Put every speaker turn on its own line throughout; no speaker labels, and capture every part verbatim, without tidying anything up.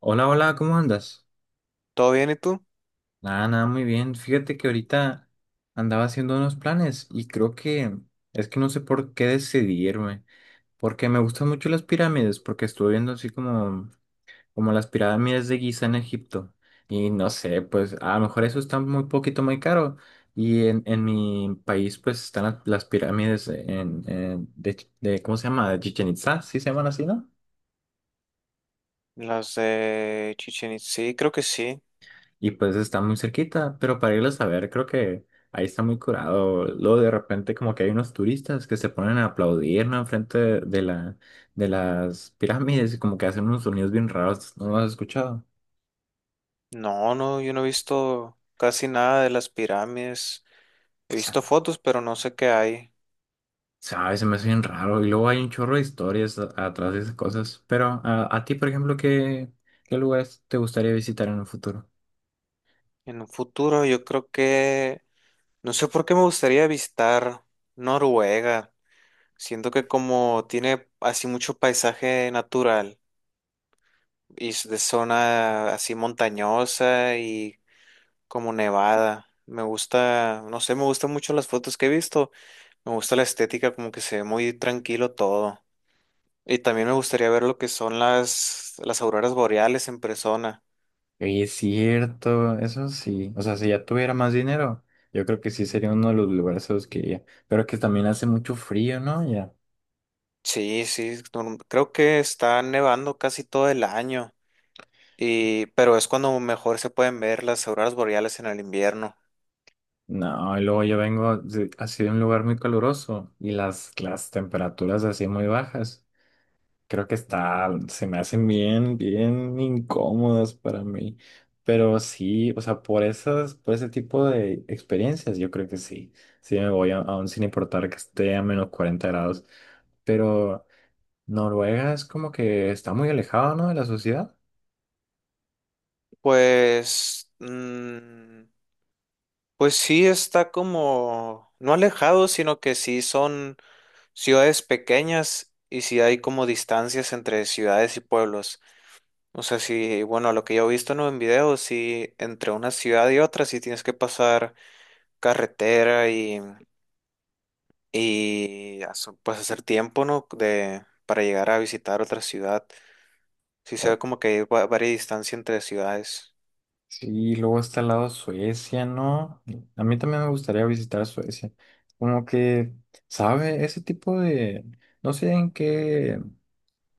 Hola, hola, ¿cómo andas?
¿Todo bien y tú?
Nada, nada, muy bien. Fíjate que ahorita andaba haciendo unos planes y creo que es que no sé por qué decidirme, porque me gustan mucho las pirámides, porque estuve viendo así como, como las pirámides de Giza en Egipto y no sé, pues a lo mejor eso está muy poquito, muy caro y en, en mi país pues están las, las pirámides en, en- de, Ch- de, ¿cómo se llama? De Chichen Itzá, sí se llaman así, ¿no?
Las de Chichen Itza, sí, creo que sí.
Y pues está muy cerquita, pero para irlos a ver, creo que ahí está muy curado. Luego de repente como que hay unos turistas que se ponen a aplaudir, ¿no? Enfrente de de la, de las pirámides y como que hacen unos sonidos bien raros. ¿No lo has escuchado?
No, no, yo no he visto casi nada de las pirámides. He
Sa-
visto fotos, pero no sé qué hay.
¿Sabes? Se me hace bien raro. Y luego hay un chorro de historias a- atrás de esas cosas. Pero a, a ti, por ejemplo, ¿qué, qué lugares te gustaría visitar en un futuro?
En un futuro, yo creo que no sé por qué me gustaría visitar Noruega. Siento que como tiene así mucho paisaje natural y es de zona así montañosa y como nevada. Me gusta, no sé, me gustan mucho las fotos que he visto. Me gusta la estética, como que se ve muy tranquilo todo. Y también me gustaría ver lo que son las, las auroras boreales en persona.
Oye, es cierto, eso sí. O sea, si ya tuviera más dinero, yo creo que sí sería uno de los lugares a los que iría. Pero que también hace mucho frío, ¿no? Ya.
Sí, sí, norm- creo que está nevando casi todo el año. Y, pero es cuando mejor se pueden ver las auroras boreales en el invierno.
No, y luego yo vengo de- así de un lugar muy caluroso y las, las temperaturas así muy bajas. Creo que está, se me hacen bien, bien incómodas para mí. Pero sí, o sea, por esas, por ese tipo de experiencias, yo creo que sí. Sí me voy a, aún sin importar que esté a menos cuarenta grados. Pero. Noruega es como que está muy alejado, ¿no? De la sociedad.
Pues, mm, pues sí está como, no alejado, sino que sí son ciudades pequeñas y sí hay como distancias entre ciudades y pueblos. O sea, sí, bueno, lo que yo he visto, ¿no?, en videos, sí, entre una ciudad y otra, sí tienes que pasar carretera y, y hace- pues hacer tiempo, ¿no? De, para llegar a visitar otra ciudad. Sí se
Uy.
ve como que hay va- varias distancia entre ciudades.
Sí, luego está al lado Suecia, ¿no? A mí también me gustaría visitar Suecia. Como que, ¿sabe? Ese tipo de... No sé en qué...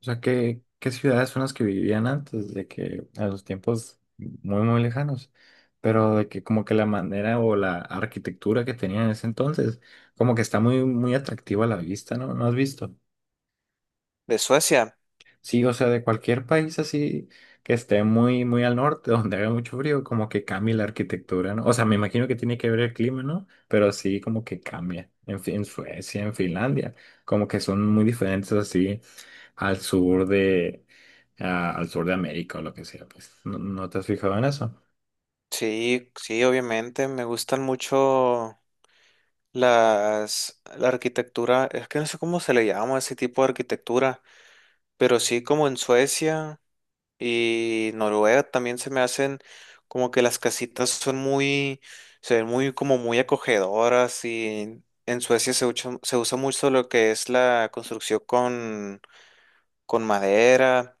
O sea, qué, qué ciudades son las que vivían antes de que... A los tiempos muy, muy lejanos. Pero de que como que la manera o la arquitectura que tenían en ese entonces, como que está muy, muy atractiva a la vista, ¿no? ¿No has visto?
De Suecia,
Sí, o sea, de cualquier país así que esté muy, muy al norte, donde haga mucho frío, como que cambia la arquitectura, ¿no? O sea, me imagino que tiene que ver el clima, ¿no? Pero sí, como que cambia. En, Fi- en Suecia, en Finlandia, como que son muy diferentes así al sur de, a- al sur de América o lo que sea, pues. ¿No, no te has fijado en eso?
sí, sí, obviamente, me gustan mucho las, la arquitectura, es que no sé cómo se le llama a ese tipo de arquitectura, pero sí como en Suecia. Y Noruega también se me hacen como que las casitas son muy, se ven muy como muy acogedoras. Y en Suecia se usa, se usa mucho lo que es la construcción con, con madera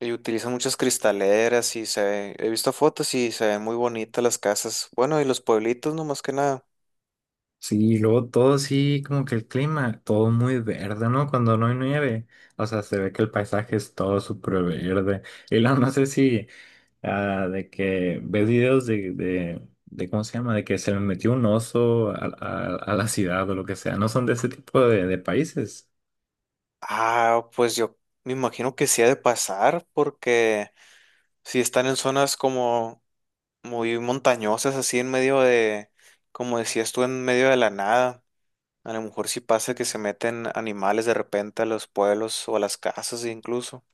y utilizan muchas cristaleras y se ve- he visto fotos y se ven muy bonitas las casas. Bueno, y los pueblitos no más que nada.
Sí, y luego todo sí, como que el clima, todo muy verde, ¿no? Cuando no hay nieve, o sea, se ve que el paisaje es todo súper verde. Y luego no sé si... Ah, de que ves videos de, de, de, ¿cómo se llama? De que se le metió un oso a, a- a la ciudad o lo que sea. No son de ese tipo de, de países.
Ah, pues yo me imagino que sí ha de pasar porque si están en zonas como muy montañosas, así en medio de, como decías tú, en medio de la nada. A lo mejor sí pasa que se meten animales de repente a los pueblos o a las casas incluso.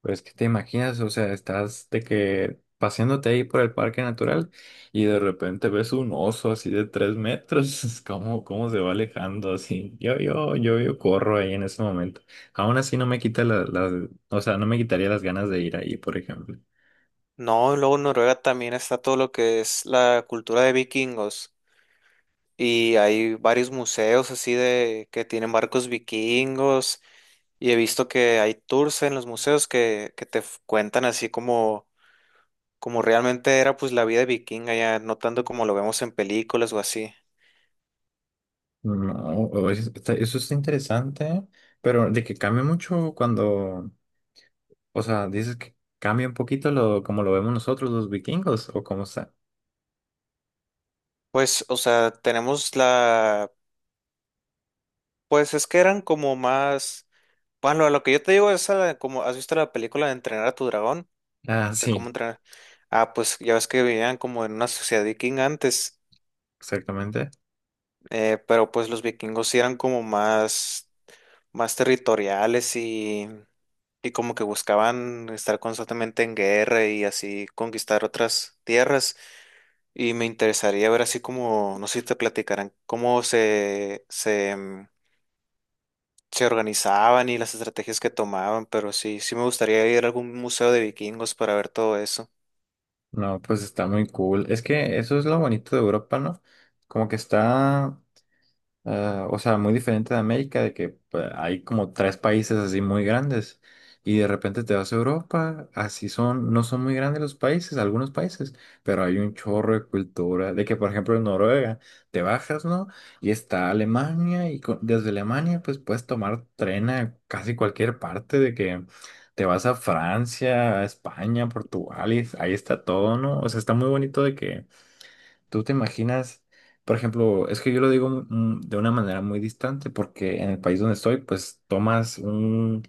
Pero es que te imaginas, o sea, estás de que paseándote ahí por el parque natural y de repente ves un oso así de tres metros. ¿Cómo, cómo se va alejando así? Yo, yo, yo, yo corro ahí en ese momento. Aún así no me quita la- las, o sea, no me quitaría las ganas de ir ahí, por ejemplo.
No, luego en Noruega también está todo lo que es la cultura de vikingos y hay varios museos así de que tienen barcos vikingos, y he visto que hay tours en los museos que, que te f- cuentan así como, como realmente era pues la vida vikinga, ya no tanto como lo vemos en películas o así.
No, o- es- está- eso está interesante, pero de que cambia mucho cuando, o sea, dices que cambia un poquito lo como lo vemos nosotros los vikingos o cómo está.
Pues, o sea, tenemos la, pues es que eran como más, bueno, a lo que yo te digo es a la- como, ¿has visto la película de Entrenar a tu dragón?
Ah,
De
sí,
cómo entrenar. Ah, pues ya ves que vivían como en una sociedad vikinga antes,
exactamente.
eh, pero pues los vikingos sí eran como más, más, territoriales y, y como que buscaban estar constantemente en guerra y así conquistar otras tierras. Y me interesaría ver así como, no sé si te platicarán, cómo se, se se organizaban y las estrategias que tomaban, pero sí, sí me gustaría ir a algún museo de vikingos para ver todo eso.
No, pues está muy cool. Es que eso es lo bonito de Europa, ¿no? Como que está. Ah, o sea, muy diferente de América, de que pues, hay como tres países así muy grandes y de repente te vas a Europa, así son, no son muy grandes los países, algunos países, pero hay un chorro de cultura, de que por ejemplo en Noruega te bajas, ¿no? Y está Alemania y co- desde Alemania pues puedes tomar tren a casi cualquier parte, de que te vas a Francia, a España, Portugal y ahí está todo, ¿no? O sea, está muy bonito de que ¿tú te imaginas, por ejemplo, es que yo lo digo mm, de una manera muy distante, porque en el país donde estoy, pues tomas un,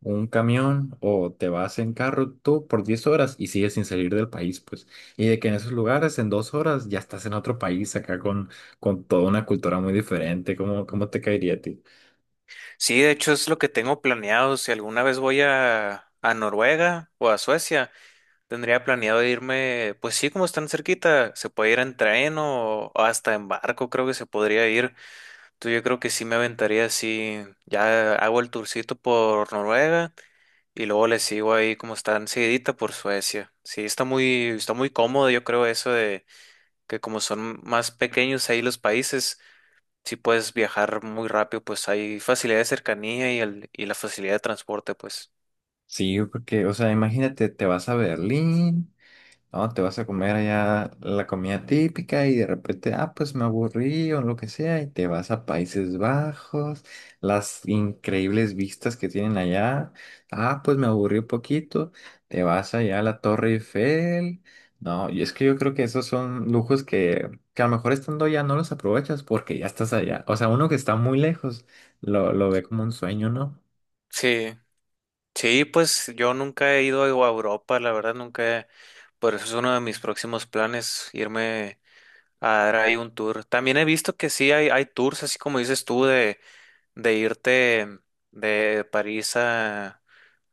un camión o te vas en carro tú por diez horas y sigues sin salir del país, pues. Y de que en esos lugares, en dos horas, ya estás en otro país acá con, con toda una cultura muy diferente. ¿Cómo, cómo te caería a ti?
Sí, de hecho es lo que tengo planeado. Si alguna vez voy a, a Noruega o a Suecia, tendría planeado irme, pues sí, como están cerquita, se puede ir en tren o, o hasta en barco, creo que se podría ir. Entonces yo creo que sí me aventaría así, ya hago el tourcito por Noruega. Y luego le sigo ahí como están seguidita por Suecia. Sí, está muy, está muy cómodo, yo creo, eso que como son más pequeños ahí los países, si puedes viajar muy rápido, pues hay facilidad de cercanía y, el, y la facilidad de transporte, pues.
Sí, porque, o sea, imagínate, te vas a Berlín. No, te vas a comer allá la comida típica y de repente, ah, pues me aburrí o lo que sea, y te vas a Países Bajos, las increíbles vistas que tienen allá, ah, pues me aburrí un poquito, te vas allá a la Torre Eiffel. No, y es que yo creo que esos son lujos que, que a lo mejor estando allá no los aprovechas porque ya estás allá. O sea, uno que está muy lejos lo, lo ve como un sueño, ¿no?
Sí, sí, pues yo nunca he ido a Europa, la verdad, nunca he- por eso es uno de mis próximos planes, irme a dar ahí un tour. También he visto que sí hay, hay tours, así como dices tú, de de irte de París a,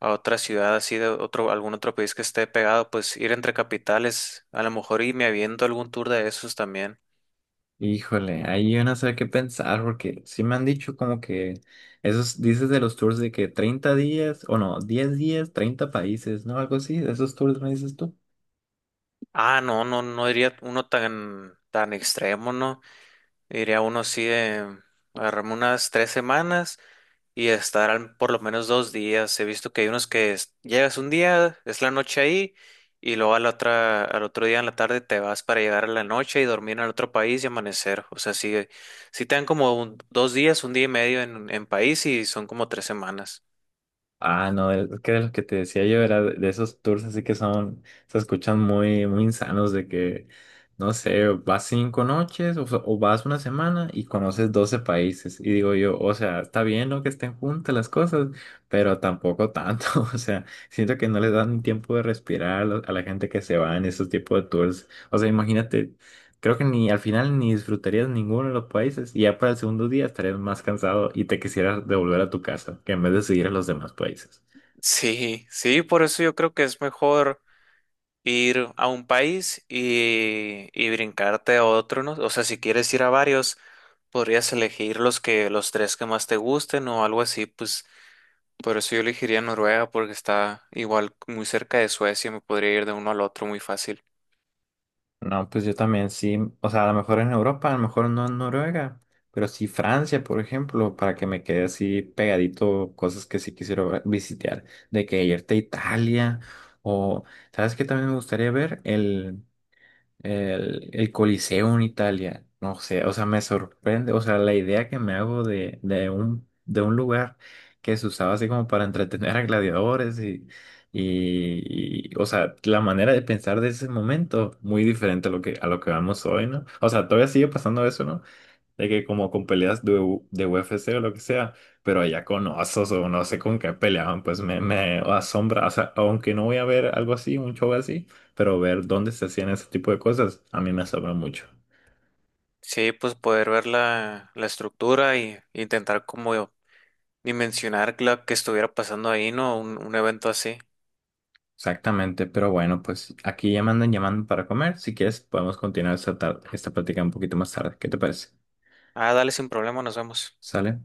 a otra ciudad así de otro, algún otro país que esté pegado, pues ir entre capitales, a lo mejor, y me aviento algún tour de esos también.
Híjole, ahí yo no sé qué pensar, porque sí me han dicho como que esos, dices de los tours de que treinta días, o no, diez días, treinta países, ¿no? Algo así, de esos tours me dices tú.
Ah, no, no, no iría uno tan, tan extremo, ¿no? Iría uno así de agarrarme unas tres semanas y estarán por lo menos dos días. He visto que hay unos que es- llegas un día, es la noche ahí, y luego a la otra, al otro día en la tarde te vas para llegar a la noche y dormir en el otro país y amanecer. O sea, sí, sí te dan como un- dos días, un día y medio en, en país y son como tres semanas.
Ah, no, el- es que de los que te decía yo era de de esos tours así que son, se escuchan muy, muy insanos de que, no sé, vas cinco noches o, o vas una semana y conoces doce países. Y digo yo, o sea, está bien, ¿no? Que estén juntas las cosas, pero tampoco tanto. O sea, siento que no les dan tiempo de respirar a, la a la gente que se va en esos tipos de tours. O sea, imagínate. Creo que ni al final ni disfrutarías ninguno de los países y ya para el segundo día estarías más cansado y te quisieras devolver a tu casa que en vez de seguir a los demás países.
Sí, sí, por eso yo creo que es mejor ir a un país y, y brincarte a otro, ¿no? O sea, si quieres ir a varios, podrías elegir los que, los tres que más te gusten o algo así, pues. Por eso yo elegiría Noruega porque está igual muy cerca de Suecia, me podría ir de uno al otro muy fácil.
No, pues yo también sí, o sea, a lo mejor en Europa, a lo mejor no en Noruega, pero sí Francia, por ejemplo, para que me quede así pegadito cosas que sí quisiera ver- visitar, de que irte a Italia o, ¿sabes qué también me gustaría ver? el, el Coliseo en Italia, no sé, o sea, me sorprende, o sea, la idea que me hago de, de un, de un lugar que se usaba así como para entretener a gladiadores y, y, y, o sea, la manera de pensar de ese momento, muy diferente a lo que, a lo que vamos hoy, ¿no? O sea, todavía sigue pasando eso, ¿no? De que como con peleas de, U- de U F C o lo que sea, pero allá con osos o no sé con qué peleaban, pues me, me asombra, o sea, aunque no voy a ver algo así, un show así, pero ver dónde se hacían ese tipo de cosas, a mí me asombra mucho.
Sí, pues poder ver la, la estructura y intentar como dimensionar la que estuviera pasando ahí, ¿no? Un, un evento así.
Exactamente, pero bueno, pues aquí ya me andan llamando para comer, si quieres podemos continuar esta, tar- esta plática un poquito más tarde, ¿qué te parece?
Ah, dale sin problema, nos vemos.
¿Sale?